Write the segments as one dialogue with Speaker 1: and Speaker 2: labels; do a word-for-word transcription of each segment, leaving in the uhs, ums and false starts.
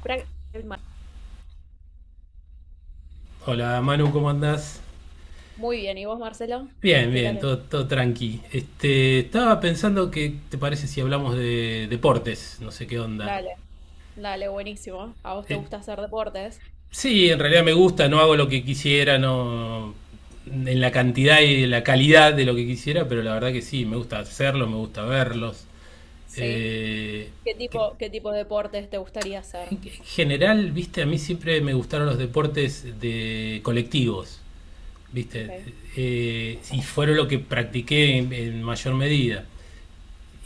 Speaker 1: Pra-
Speaker 2: Hola Manu, ¿cómo andás?
Speaker 1: Muy bien, ¿y vos, Marcelo?
Speaker 2: Bien,
Speaker 1: ¿Qué
Speaker 2: bien,
Speaker 1: tal?
Speaker 2: todo, todo tranqui. Este, estaba pensando, que te parece si hablamos de deportes? No sé qué onda.
Speaker 1: Dale, dale, buenísimo. ¿A vos te
Speaker 2: Eh,
Speaker 1: gusta hacer deportes?
Speaker 2: sí, en realidad me gusta. No hago lo que quisiera, no en la cantidad y en la calidad de lo que quisiera, pero la verdad que sí, me gusta hacerlo, me gusta verlos.
Speaker 1: Sí.
Speaker 2: Eh,
Speaker 1: ¿Qué
Speaker 2: que-
Speaker 1: tipo, qué tipo de deportes te gustaría hacer?
Speaker 2: en en general, viste, a mí siempre me gustaron los deportes de colectivos,
Speaker 1: Ok.
Speaker 2: viste. Eh, y fueron lo que practiqué en en mayor medida.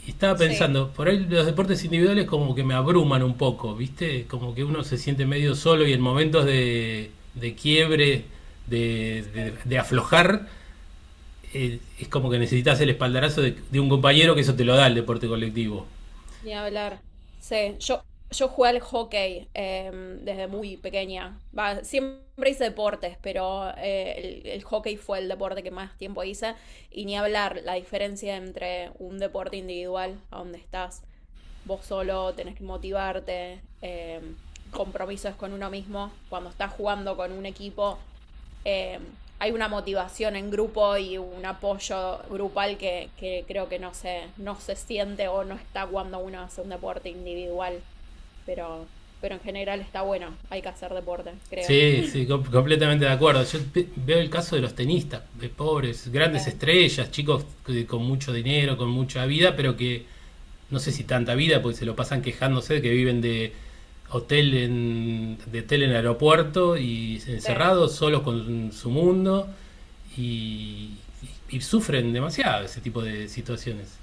Speaker 2: Y estaba
Speaker 1: Sí.
Speaker 2: pensando, por ahí los deportes individuales como que me abruman un poco, ¿viste? Como que uno se siente medio solo y en momentos de, de quiebre, de,
Speaker 1: Sí.
Speaker 2: de- de aflojar, eh, es como que necesitas el espaldarazo de, de un compañero, que eso te lo da el deporte colectivo.
Speaker 1: Ni hablar. Sí, yo, yo jugué al hockey em, desde muy pequeña. Va, siempre hice deportes, pero eh, el, el hockey fue el deporte que más tiempo hice. Y ni hablar la diferencia entre un deporte individual, a donde estás vos solo, tenés que motivarte, em, compromisos con uno mismo. Cuando estás jugando con un equipo, eh, hay una motivación en grupo y un apoyo grupal que, que creo que no se, no se siente o no está cuando uno hace un deporte individual. Pero, pero en general está bueno, hay que hacer deporte, creo.
Speaker 2: Sí, sí, com- completamente de acuerdo. Yo pe- veo el caso de los tenistas, de pobres
Speaker 1: Sí,
Speaker 2: grandes estrellas, chicos que- con mucho dinero, con mucha vida, pero que no sé si tanta vida, porque se lo pasan quejándose de que viven de hotel en, de hotel en el aeropuerto y
Speaker 1: sí.
Speaker 2: encerrados, solos con su mundo y, y, y sufren demasiado ese tipo de situaciones.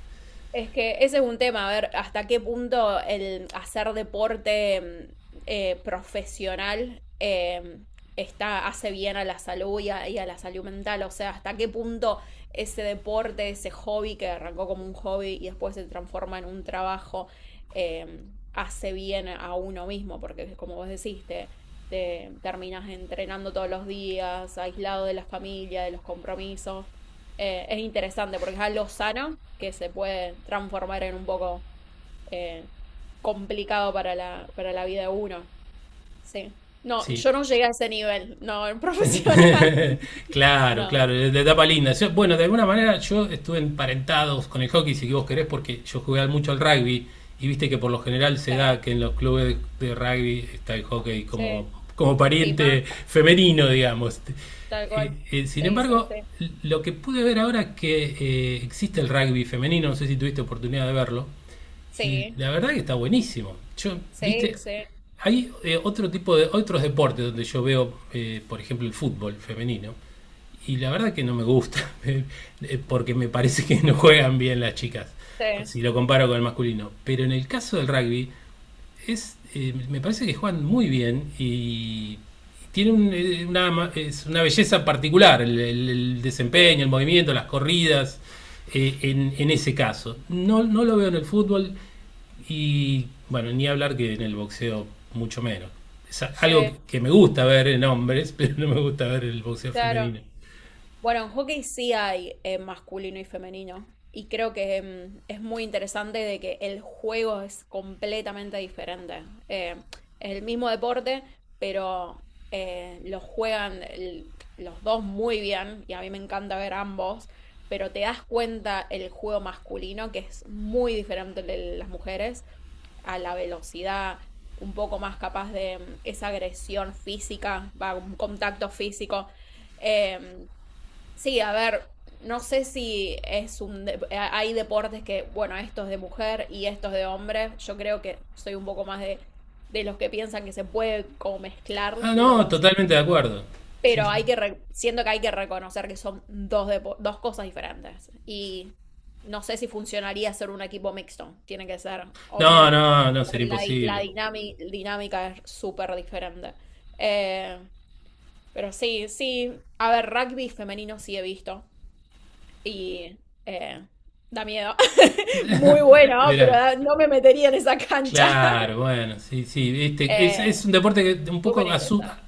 Speaker 1: Es que ese es un tema, a ver hasta qué punto el hacer deporte mm, eh, profesional eh, está, hace bien a la salud y a, y a la salud mental. O sea, hasta qué punto ese deporte, ese hobby que arrancó como un hobby y después se transforma en un trabajo, eh, hace bien a uno mismo, porque como vos decís, te, te terminas entrenando todos los días, aislado de la familia, de los compromisos eh, es interesante porque es algo sano que se puede transformar en un poco eh, complicado para la, para la vida de uno. Sí. No,
Speaker 2: Sí.
Speaker 1: yo no llegué a ese nivel, no, en profesional.
Speaker 2: claro,
Speaker 1: No,
Speaker 2: claro, de etapa linda. Yo- bueno, de alguna manera yo estuve emparentado con el hockey, si vos querés, porque yo jugué mucho al rugby y viste que por lo general se
Speaker 1: sí,
Speaker 2: da que en los clubes de rugby está el hockey como,
Speaker 1: sí,
Speaker 2: como
Speaker 1: sí, más,
Speaker 2: pariente femenino, digamos.
Speaker 1: tal
Speaker 2: Eh,
Speaker 1: cual.
Speaker 2: eh, sin
Speaker 1: Sí, sí,
Speaker 2: embargo,
Speaker 1: sí.
Speaker 2: lo que pude ver ahora es que eh, existe el rugby femenino. No sé si tuviste oportunidad de verlo. Y
Speaker 1: Sí,
Speaker 2: la verdad que está buenísimo. Yo,
Speaker 1: sí,
Speaker 2: viste,
Speaker 1: sí,
Speaker 2: hay eh, otro tipo de otros deportes donde yo veo, eh, por ejemplo, el fútbol femenino. Y la verdad que no me gusta, eh, porque me parece que no juegan bien las chicas,
Speaker 1: sí,
Speaker 2: si lo comparo con el masculino. Pero en el caso del rugby, es, eh, me parece que juegan muy bien y tiene un- eh, una, ma- es una belleza particular el, el- el desempeño,
Speaker 1: sí,
Speaker 2: el movimiento, las corridas eh, en, en ese caso. No, no lo veo en el fútbol, y bueno, ni hablar que en el boxeo mucho menos. Es algo que-
Speaker 1: sí,
Speaker 2: que me gusta ver en hombres, pero no me gusta ver en el boxeo
Speaker 1: claro.
Speaker 2: femenino.
Speaker 1: Bueno, en hockey sí hay eh, masculino y femenino. Y creo que em, es muy interesante de que el juego es completamente diferente. Eh, es el mismo deporte, pero eh, lo juegan el- los dos muy bien. Y a mí me encanta ver ambos. Pero te das cuenta el juego masculino, que es muy diferente al de las mujeres, a la velocidad, un poco más capaz de em, esa agresión física, va, un contacto físico. Em, Sí, a ver, no sé si es un dep- a- hay deportes que, bueno, esto es de mujer y esto es de hombre. Yo creo que soy un poco más de, de los que piensan que se puede como mezclar
Speaker 2: Ah, no,
Speaker 1: los,
Speaker 2: totalmente de acuerdo. Sí,
Speaker 1: pero
Speaker 2: sí.
Speaker 1: hay que re- siento que hay que reconocer que son dos depo- dos cosas diferentes. Y no sé si funcionaría ser un equipo mixto. Tiene que ser
Speaker 2: No,
Speaker 1: hombre,
Speaker 2: no, no, sería
Speaker 1: porque la, di- la
Speaker 2: imposible.
Speaker 1: dinami- dinámica es súper diferente. Eh, pero sí, sí, a ver, rugby femenino sí he visto y eh, da miedo. Muy bueno, pero
Speaker 2: Verá.
Speaker 1: da- no me metería en esa cancha.
Speaker 2: Claro, bueno, sí, sí, viste, es,
Speaker 1: Eh,
Speaker 2: es un deporte que un
Speaker 1: súper
Speaker 2: poco asusta,
Speaker 1: interesante.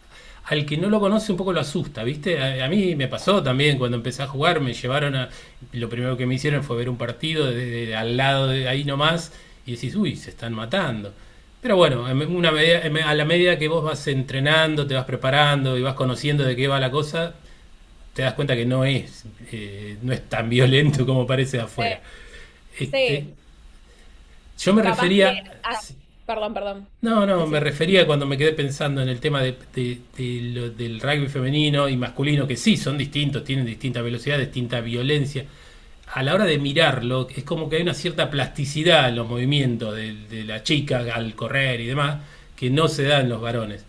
Speaker 2: al que no lo conoce un poco lo asusta, viste. A, a mí me pasó también cuando empecé a jugar. Me llevaron a, lo primero que me hicieron fue ver un partido desde al lado de ahí nomás y decís, uy, se están matando. Pero bueno, en una medida- en- a la medida que vos vas entrenando, te vas preparando y vas conociendo de qué va la cosa, te das cuenta que no es, eh, no es tan violento como parece de afuera.
Speaker 1: Sí,
Speaker 2: Este,
Speaker 1: sí.
Speaker 2: yo me
Speaker 1: Capaz que.
Speaker 2: refería,
Speaker 1: Ah, perdón, perdón.
Speaker 2: no, no, me
Speaker 1: Decime.
Speaker 2: refería cuando me quedé pensando en el tema de- de- de lo- del rugby femenino y masculino, que sí, son distintos, tienen distinta velocidad, distinta violencia. A la hora de mirarlo, es como que hay una cierta plasticidad en los movimientos de, de la chica al correr y demás, que no se da en los varones.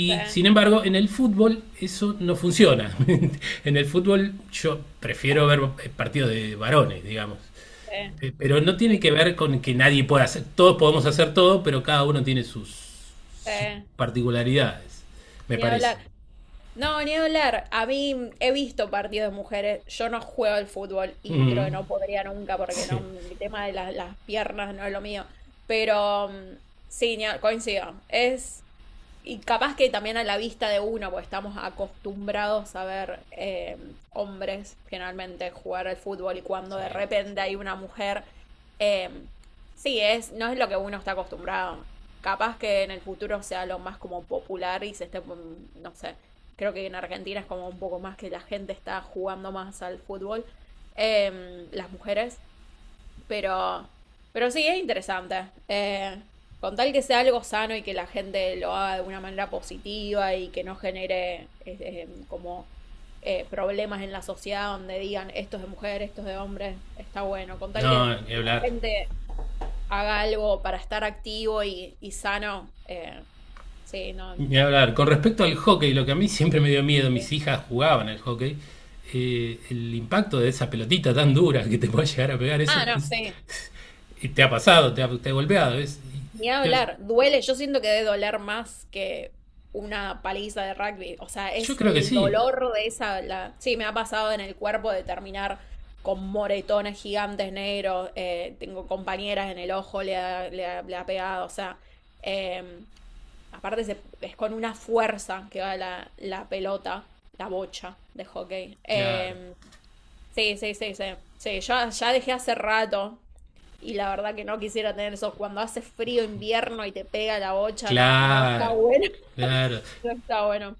Speaker 1: Sí,
Speaker 2: sin embargo, en el fútbol eso no funciona. En el fútbol yo prefiero ver eh, partidos de varones, digamos.
Speaker 1: sí,
Speaker 2: Eh, Pero no tiene
Speaker 1: ni-
Speaker 2: que ver con que nadie pueda hacer, todos podemos hacer todo, pero cada uno tiene sus sus
Speaker 1: sí.
Speaker 2: particularidades, me
Speaker 1: Ni
Speaker 2: parece.
Speaker 1: hablar. No, ni hablar. A mí mm, he visto partidos de mujeres. Yo no juego al fútbol y creo
Speaker 2: Mm,
Speaker 1: que no podría nunca porque no,
Speaker 2: sí.
Speaker 1: el tema de las las piernas no es lo mío. Pero mm, sí, ni ha- coincido. Es. Y capaz que también a la vista de uno, porque estamos acostumbrados a ver eh, hombres generalmente jugar al fútbol y cuando de
Speaker 2: Sí.
Speaker 1: repente hay una mujer, eh, sí, es, no es lo que uno está acostumbrado. Capaz que en el futuro sea lo más como popular y se esté, mm, no sé, creo que en Argentina es como un poco más que la gente está jugando más al fútbol, em, las mujeres pero, pero sí, es interesante. Eh, con tal que sea algo sano y que la gente lo haga de una manera positiva y que no genere eh, eh, como eh, problemas en la sociedad donde digan esto es de mujer, esto es de hombre, está bueno. Con tal que,
Speaker 2: No, ni
Speaker 1: que la
Speaker 2: hablar.
Speaker 1: gente haga algo para estar activo y, y sano, eh, sí, no.
Speaker 2: Ni hablar. Con respecto al hockey, lo que a mí siempre me dio miedo,
Speaker 1: Eh.
Speaker 2: mis hijas jugaban al hockey, eh, el impacto de esa pelotita tan dura que te puede llegar a pegar, eso
Speaker 1: Ah, no,
Speaker 2: es-
Speaker 1: sí.
Speaker 2: y te ha pasado, te ha, te ha golpeado. Es-
Speaker 1: Ni
Speaker 2: y- te-
Speaker 1: hablar, duele, yo siento que debe doler más que una paliza de rugby, o sea,
Speaker 2: yo
Speaker 1: es
Speaker 2: creo que
Speaker 1: el
Speaker 2: sí.
Speaker 1: dolor de esa, la sí, me ha pasado en el cuerpo de terminar con moretones gigantes negros, eh, tengo compañeras en el ojo, le ha, le ha- le ha pegado, o sea, eh, aparte se- es con una fuerza que va la, la pelota, la bocha de hockey.
Speaker 2: Claro,
Speaker 1: Eh, sí, sí, sí, sí, sí, yo ya dejé hace rato. Y la verdad que no quisiera tener eso. Cuando hace frío invierno y te pega la bocha, no, no está
Speaker 2: claro,
Speaker 1: bueno.
Speaker 2: claro,
Speaker 1: No está bueno.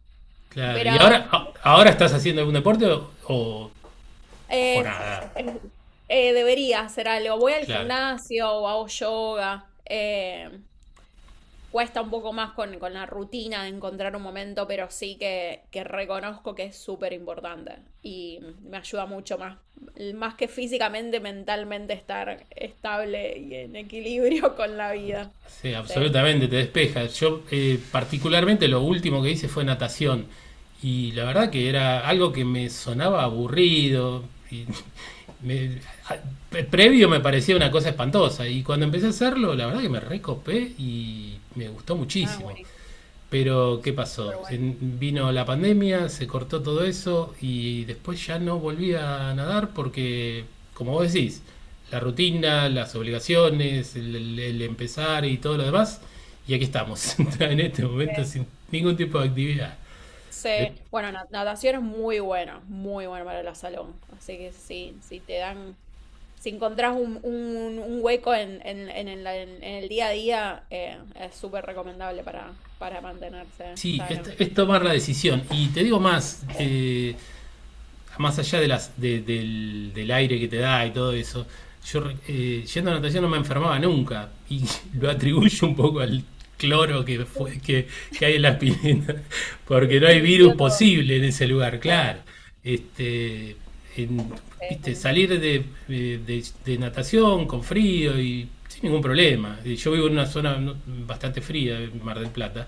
Speaker 2: claro.
Speaker 1: Pero
Speaker 2: ¿Y ahora, a- ahora estás haciendo algún deporte o, o- o
Speaker 1: eh,
Speaker 2: nada?
Speaker 1: eh, eh, debería hacer algo. Voy al
Speaker 2: Claro.
Speaker 1: gimnasio o hago yoga. eh, cuesta un poco más con, con la rutina de encontrar un momento, pero sí que, que reconozco que es súper importante y me ayuda mucho más, más que físicamente, mentalmente estar estable y en equilibrio con la vida.
Speaker 2: Sí,
Speaker 1: Sí,
Speaker 2: absolutamente, te despeja. Yo eh, particularmente lo último que hice fue natación y la verdad
Speaker 1: bueno.
Speaker 2: que era algo que me sonaba aburrido. Y me- a- pre- previo me parecía una cosa espantosa y cuando empecé a hacerlo, la verdad que me recopé y me gustó
Speaker 1: Ah,
Speaker 2: muchísimo.
Speaker 1: buenísimo,
Speaker 2: Pero, ¿qué
Speaker 1: súper
Speaker 2: pasó?
Speaker 1: bueno.
Speaker 2: Vino la pandemia, se cortó todo eso y después ya no volví a nadar porque, como vos decís, la rutina, las obligaciones, el, el- el empezar y todo lo demás, y aquí estamos, en este momento
Speaker 1: Eh,
Speaker 2: sin ningún tipo de actividad. De-
Speaker 1: se- bueno, na- natación es muy bueno, muy bueno para la salón. Así que sí, si te dan, si encontrás un, un- un hueco en, en- en el, en el día a día, eh, es súper recomendable para, para mantenerse
Speaker 2: sí, es,
Speaker 1: sano.
Speaker 2: es tomar
Speaker 1: Sí,
Speaker 2: la decisión. Y te digo más, eh, más allá de las, de- del, del aire que te da y todo eso, yo eh, yendo a natación no me enfermaba nunca y lo
Speaker 1: no,
Speaker 2: atribuyo un poco al cloro que,
Speaker 1: sí,
Speaker 2: fue, que, que hay en las piletas,
Speaker 1: sí,
Speaker 2: porque no hay virus
Speaker 1: limpió todo.
Speaker 2: posible en ese lugar,
Speaker 1: Sí,
Speaker 2: claro. Este, en-
Speaker 1: sí,
Speaker 2: Viste,
Speaker 1: buenísimo.
Speaker 2: salir de, eh, de- de natación con frío y sin ningún problema. Eh, Yo vivo en una zona no, bastante fría, Mar del Plata,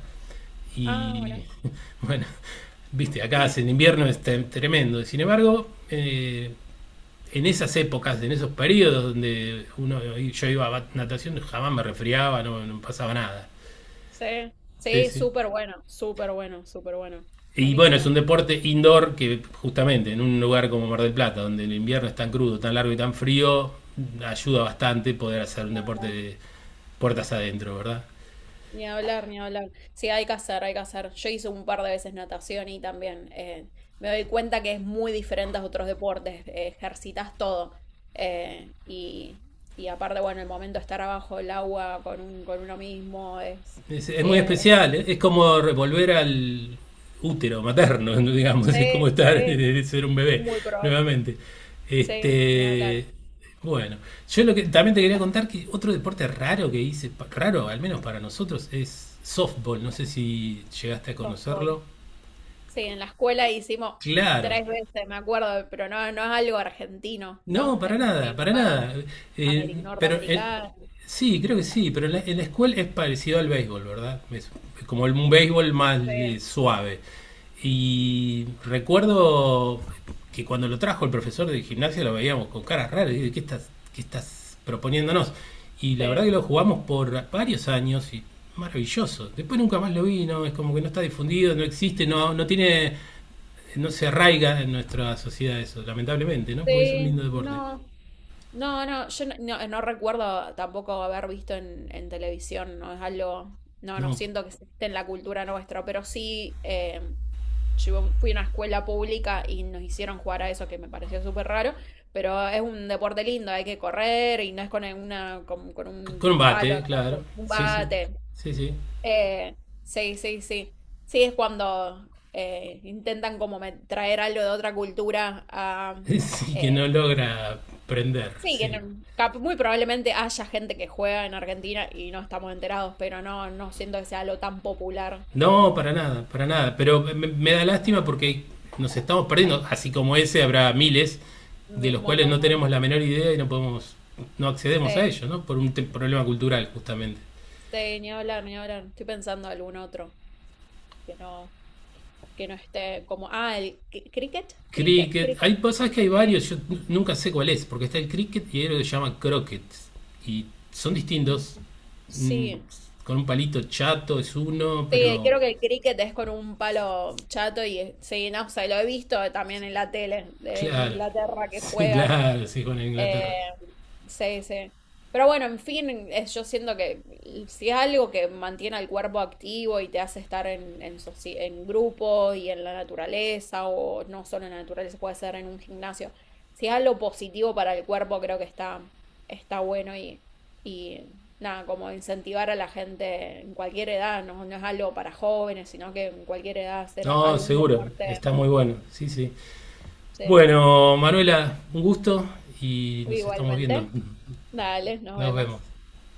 Speaker 1: Ah, bueno.
Speaker 2: y bueno, viste, acá hace, el invierno es te- tremendo. Sin embargo, eh, en esas épocas, en esos periodos donde uno, yo iba a natación, jamás me resfriaba, no, no pasaba nada.
Speaker 1: Sí,
Speaker 2: Sí,
Speaker 1: sí,
Speaker 2: sí.
Speaker 1: súper bueno, súper bueno, súper bueno.
Speaker 2: Y bueno, es
Speaker 1: Buenísimo.
Speaker 2: un deporte indoor que justamente en un lugar como Mar del Plata, donde el invierno es tan crudo, tan largo y tan frío, ayuda bastante poder hacer un deporte de puertas adentro, ¿verdad?
Speaker 1: Ni hablar, ni hablar. Sí, hay que hacer, hay que hacer. Yo hice un par de veces natación y también eh, me doy cuenta que es muy diferente a otros deportes. eh, ejercitas todo. Eh, y, y aparte, bueno, el momento de estar abajo del agua con, un- con uno mismo es
Speaker 2: Es, es
Speaker 1: Sí,
Speaker 2: muy
Speaker 1: es-
Speaker 2: especial, ¿eh? Es como revolver al útero materno, digamos, es como
Speaker 1: sí,
Speaker 2: estar,
Speaker 1: sí,
Speaker 2: ser un bebé
Speaker 1: muy probable.
Speaker 2: nuevamente.
Speaker 1: Sí, ni
Speaker 2: Este,
Speaker 1: hablar.
Speaker 2: bueno, yo lo que también te quería contar, que otro deporte raro que hice, pa- raro al menos para nosotros, es softball. No sé si llegaste a
Speaker 1: Softball.
Speaker 2: conocerlo.
Speaker 1: Sí, en la escuela hicimos
Speaker 2: Claro,
Speaker 1: tres veces, me acuerdo, pero no, no es algo argentino,
Speaker 2: no,
Speaker 1: ¿no?
Speaker 2: para
Speaker 1: Es
Speaker 2: nada,
Speaker 1: muy
Speaker 2: para
Speaker 1: más
Speaker 2: nada. Eh,
Speaker 1: ameri-
Speaker 2: pero eh,
Speaker 1: norteamericano.
Speaker 2: sí, creo que sí, pero en la, en la escuela, es parecido al béisbol, ¿verdad? Es, es como el, un béisbol más
Speaker 1: Sí,
Speaker 2: eh, suave. Y recuerdo que cuando lo trajo el profesor de gimnasia, lo veíamos con caras raras, y dije, ¿qué estás, qué estás proponiéndonos? Y la verdad
Speaker 1: sí.
Speaker 2: que lo jugamos por varios años y maravilloso. Después nunca más lo vi. No, es como que no está difundido, no existe, no, no tiene, no se arraiga en nuestra sociedad eso, lamentablemente, ¿no? Porque es un lindo
Speaker 1: Sí,
Speaker 2: deporte.
Speaker 1: no. No, no, yo no, no- no recuerdo tampoco haber visto en, en televisión, no es algo, no, no
Speaker 2: No,
Speaker 1: siento que esté en la cultura nuestra, pero sí, eh, yo iba- fui a una escuela pública y nos hicieron jugar a eso que me pareció súper raro, pero es un deporte lindo, hay que correr y no es con una, con, con
Speaker 2: C-
Speaker 1: un palo,
Speaker 2: combate,
Speaker 1: ¿no?
Speaker 2: claro.
Speaker 1: Con un
Speaker 2: Sí, sí,
Speaker 1: bate.
Speaker 2: sí, sí.
Speaker 1: Eh, sí, sí, sí. Sí, es cuando eh, intentan como me- traer algo de otra cultura a
Speaker 2: Sí,
Speaker 1: eh,
Speaker 2: que no logra prender,
Speaker 1: sí, que no-
Speaker 2: sí.
Speaker 1: cap- muy probablemente haya gente que juega en Argentina y no estamos enterados, pero no, no siento que sea algo tan popular
Speaker 2: No,
Speaker 1: como
Speaker 2: para nada, para nada. Pero me, me da lástima porque nos estamos perdiendo. Así como ese, habrá miles de
Speaker 1: mi-
Speaker 2: los cuales
Speaker 1: Mondo
Speaker 2: no
Speaker 1: Man.
Speaker 2: tenemos la menor idea y no podemos, no accedemos a
Speaker 1: Sí,
Speaker 2: ellos, ¿no? Por un te- problema cultural, justamente.
Speaker 1: sí, ni hablar, ni hablar. Estoy pensando algún otro que no, que no esté como. Ah, el cri- cricket, cricket,
Speaker 2: Cricket,
Speaker 1: cricket.
Speaker 2: hay cosas que hay
Speaker 1: Eh,
Speaker 2: varios, yo n- nunca sé cuál es, porque está el cricket y hay lo que se llama croquet. Y son distintos.
Speaker 1: mm,
Speaker 2: Mm,
Speaker 1: Sí.
Speaker 2: con un palito chato es uno,
Speaker 1: Sí,
Speaker 2: pero
Speaker 1: creo que el cricket es con un palo chato y eh, sí, no sé, lo he visto también en la tele de- en
Speaker 2: claro,
Speaker 1: Inglaterra que
Speaker 2: sí,
Speaker 1: juegan.
Speaker 2: claro, sí, con
Speaker 1: Eh,
Speaker 2: Inglaterra.
Speaker 1: sí, sí. Pero bueno, en fin, es- yo siento que si es algo que mantiene al cuerpo activo y te hace estar en, en, soci- en grupo y en la naturaleza, o no solo en la naturaleza, puede ser en un gimnasio, si es algo positivo para el cuerpo, creo que está, está bueno y, y nada, como incentivar a la gente en cualquier edad, no, no es algo para jóvenes, sino que en cualquier edad hacer
Speaker 2: No,
Speaker 1: algún
Speaker 2: seguro,
Speaker 1: deporte.
Speaker 2: está muy bueno, sí, sí.
Speaker 1: Sí,
Speaker 2: Bueno, Manuela, un gusto y nos estamos viendo.
Speaker 1: igualmente. Dale, nos
Speaker 2: Nos vemos.
Speaker 1: vemos.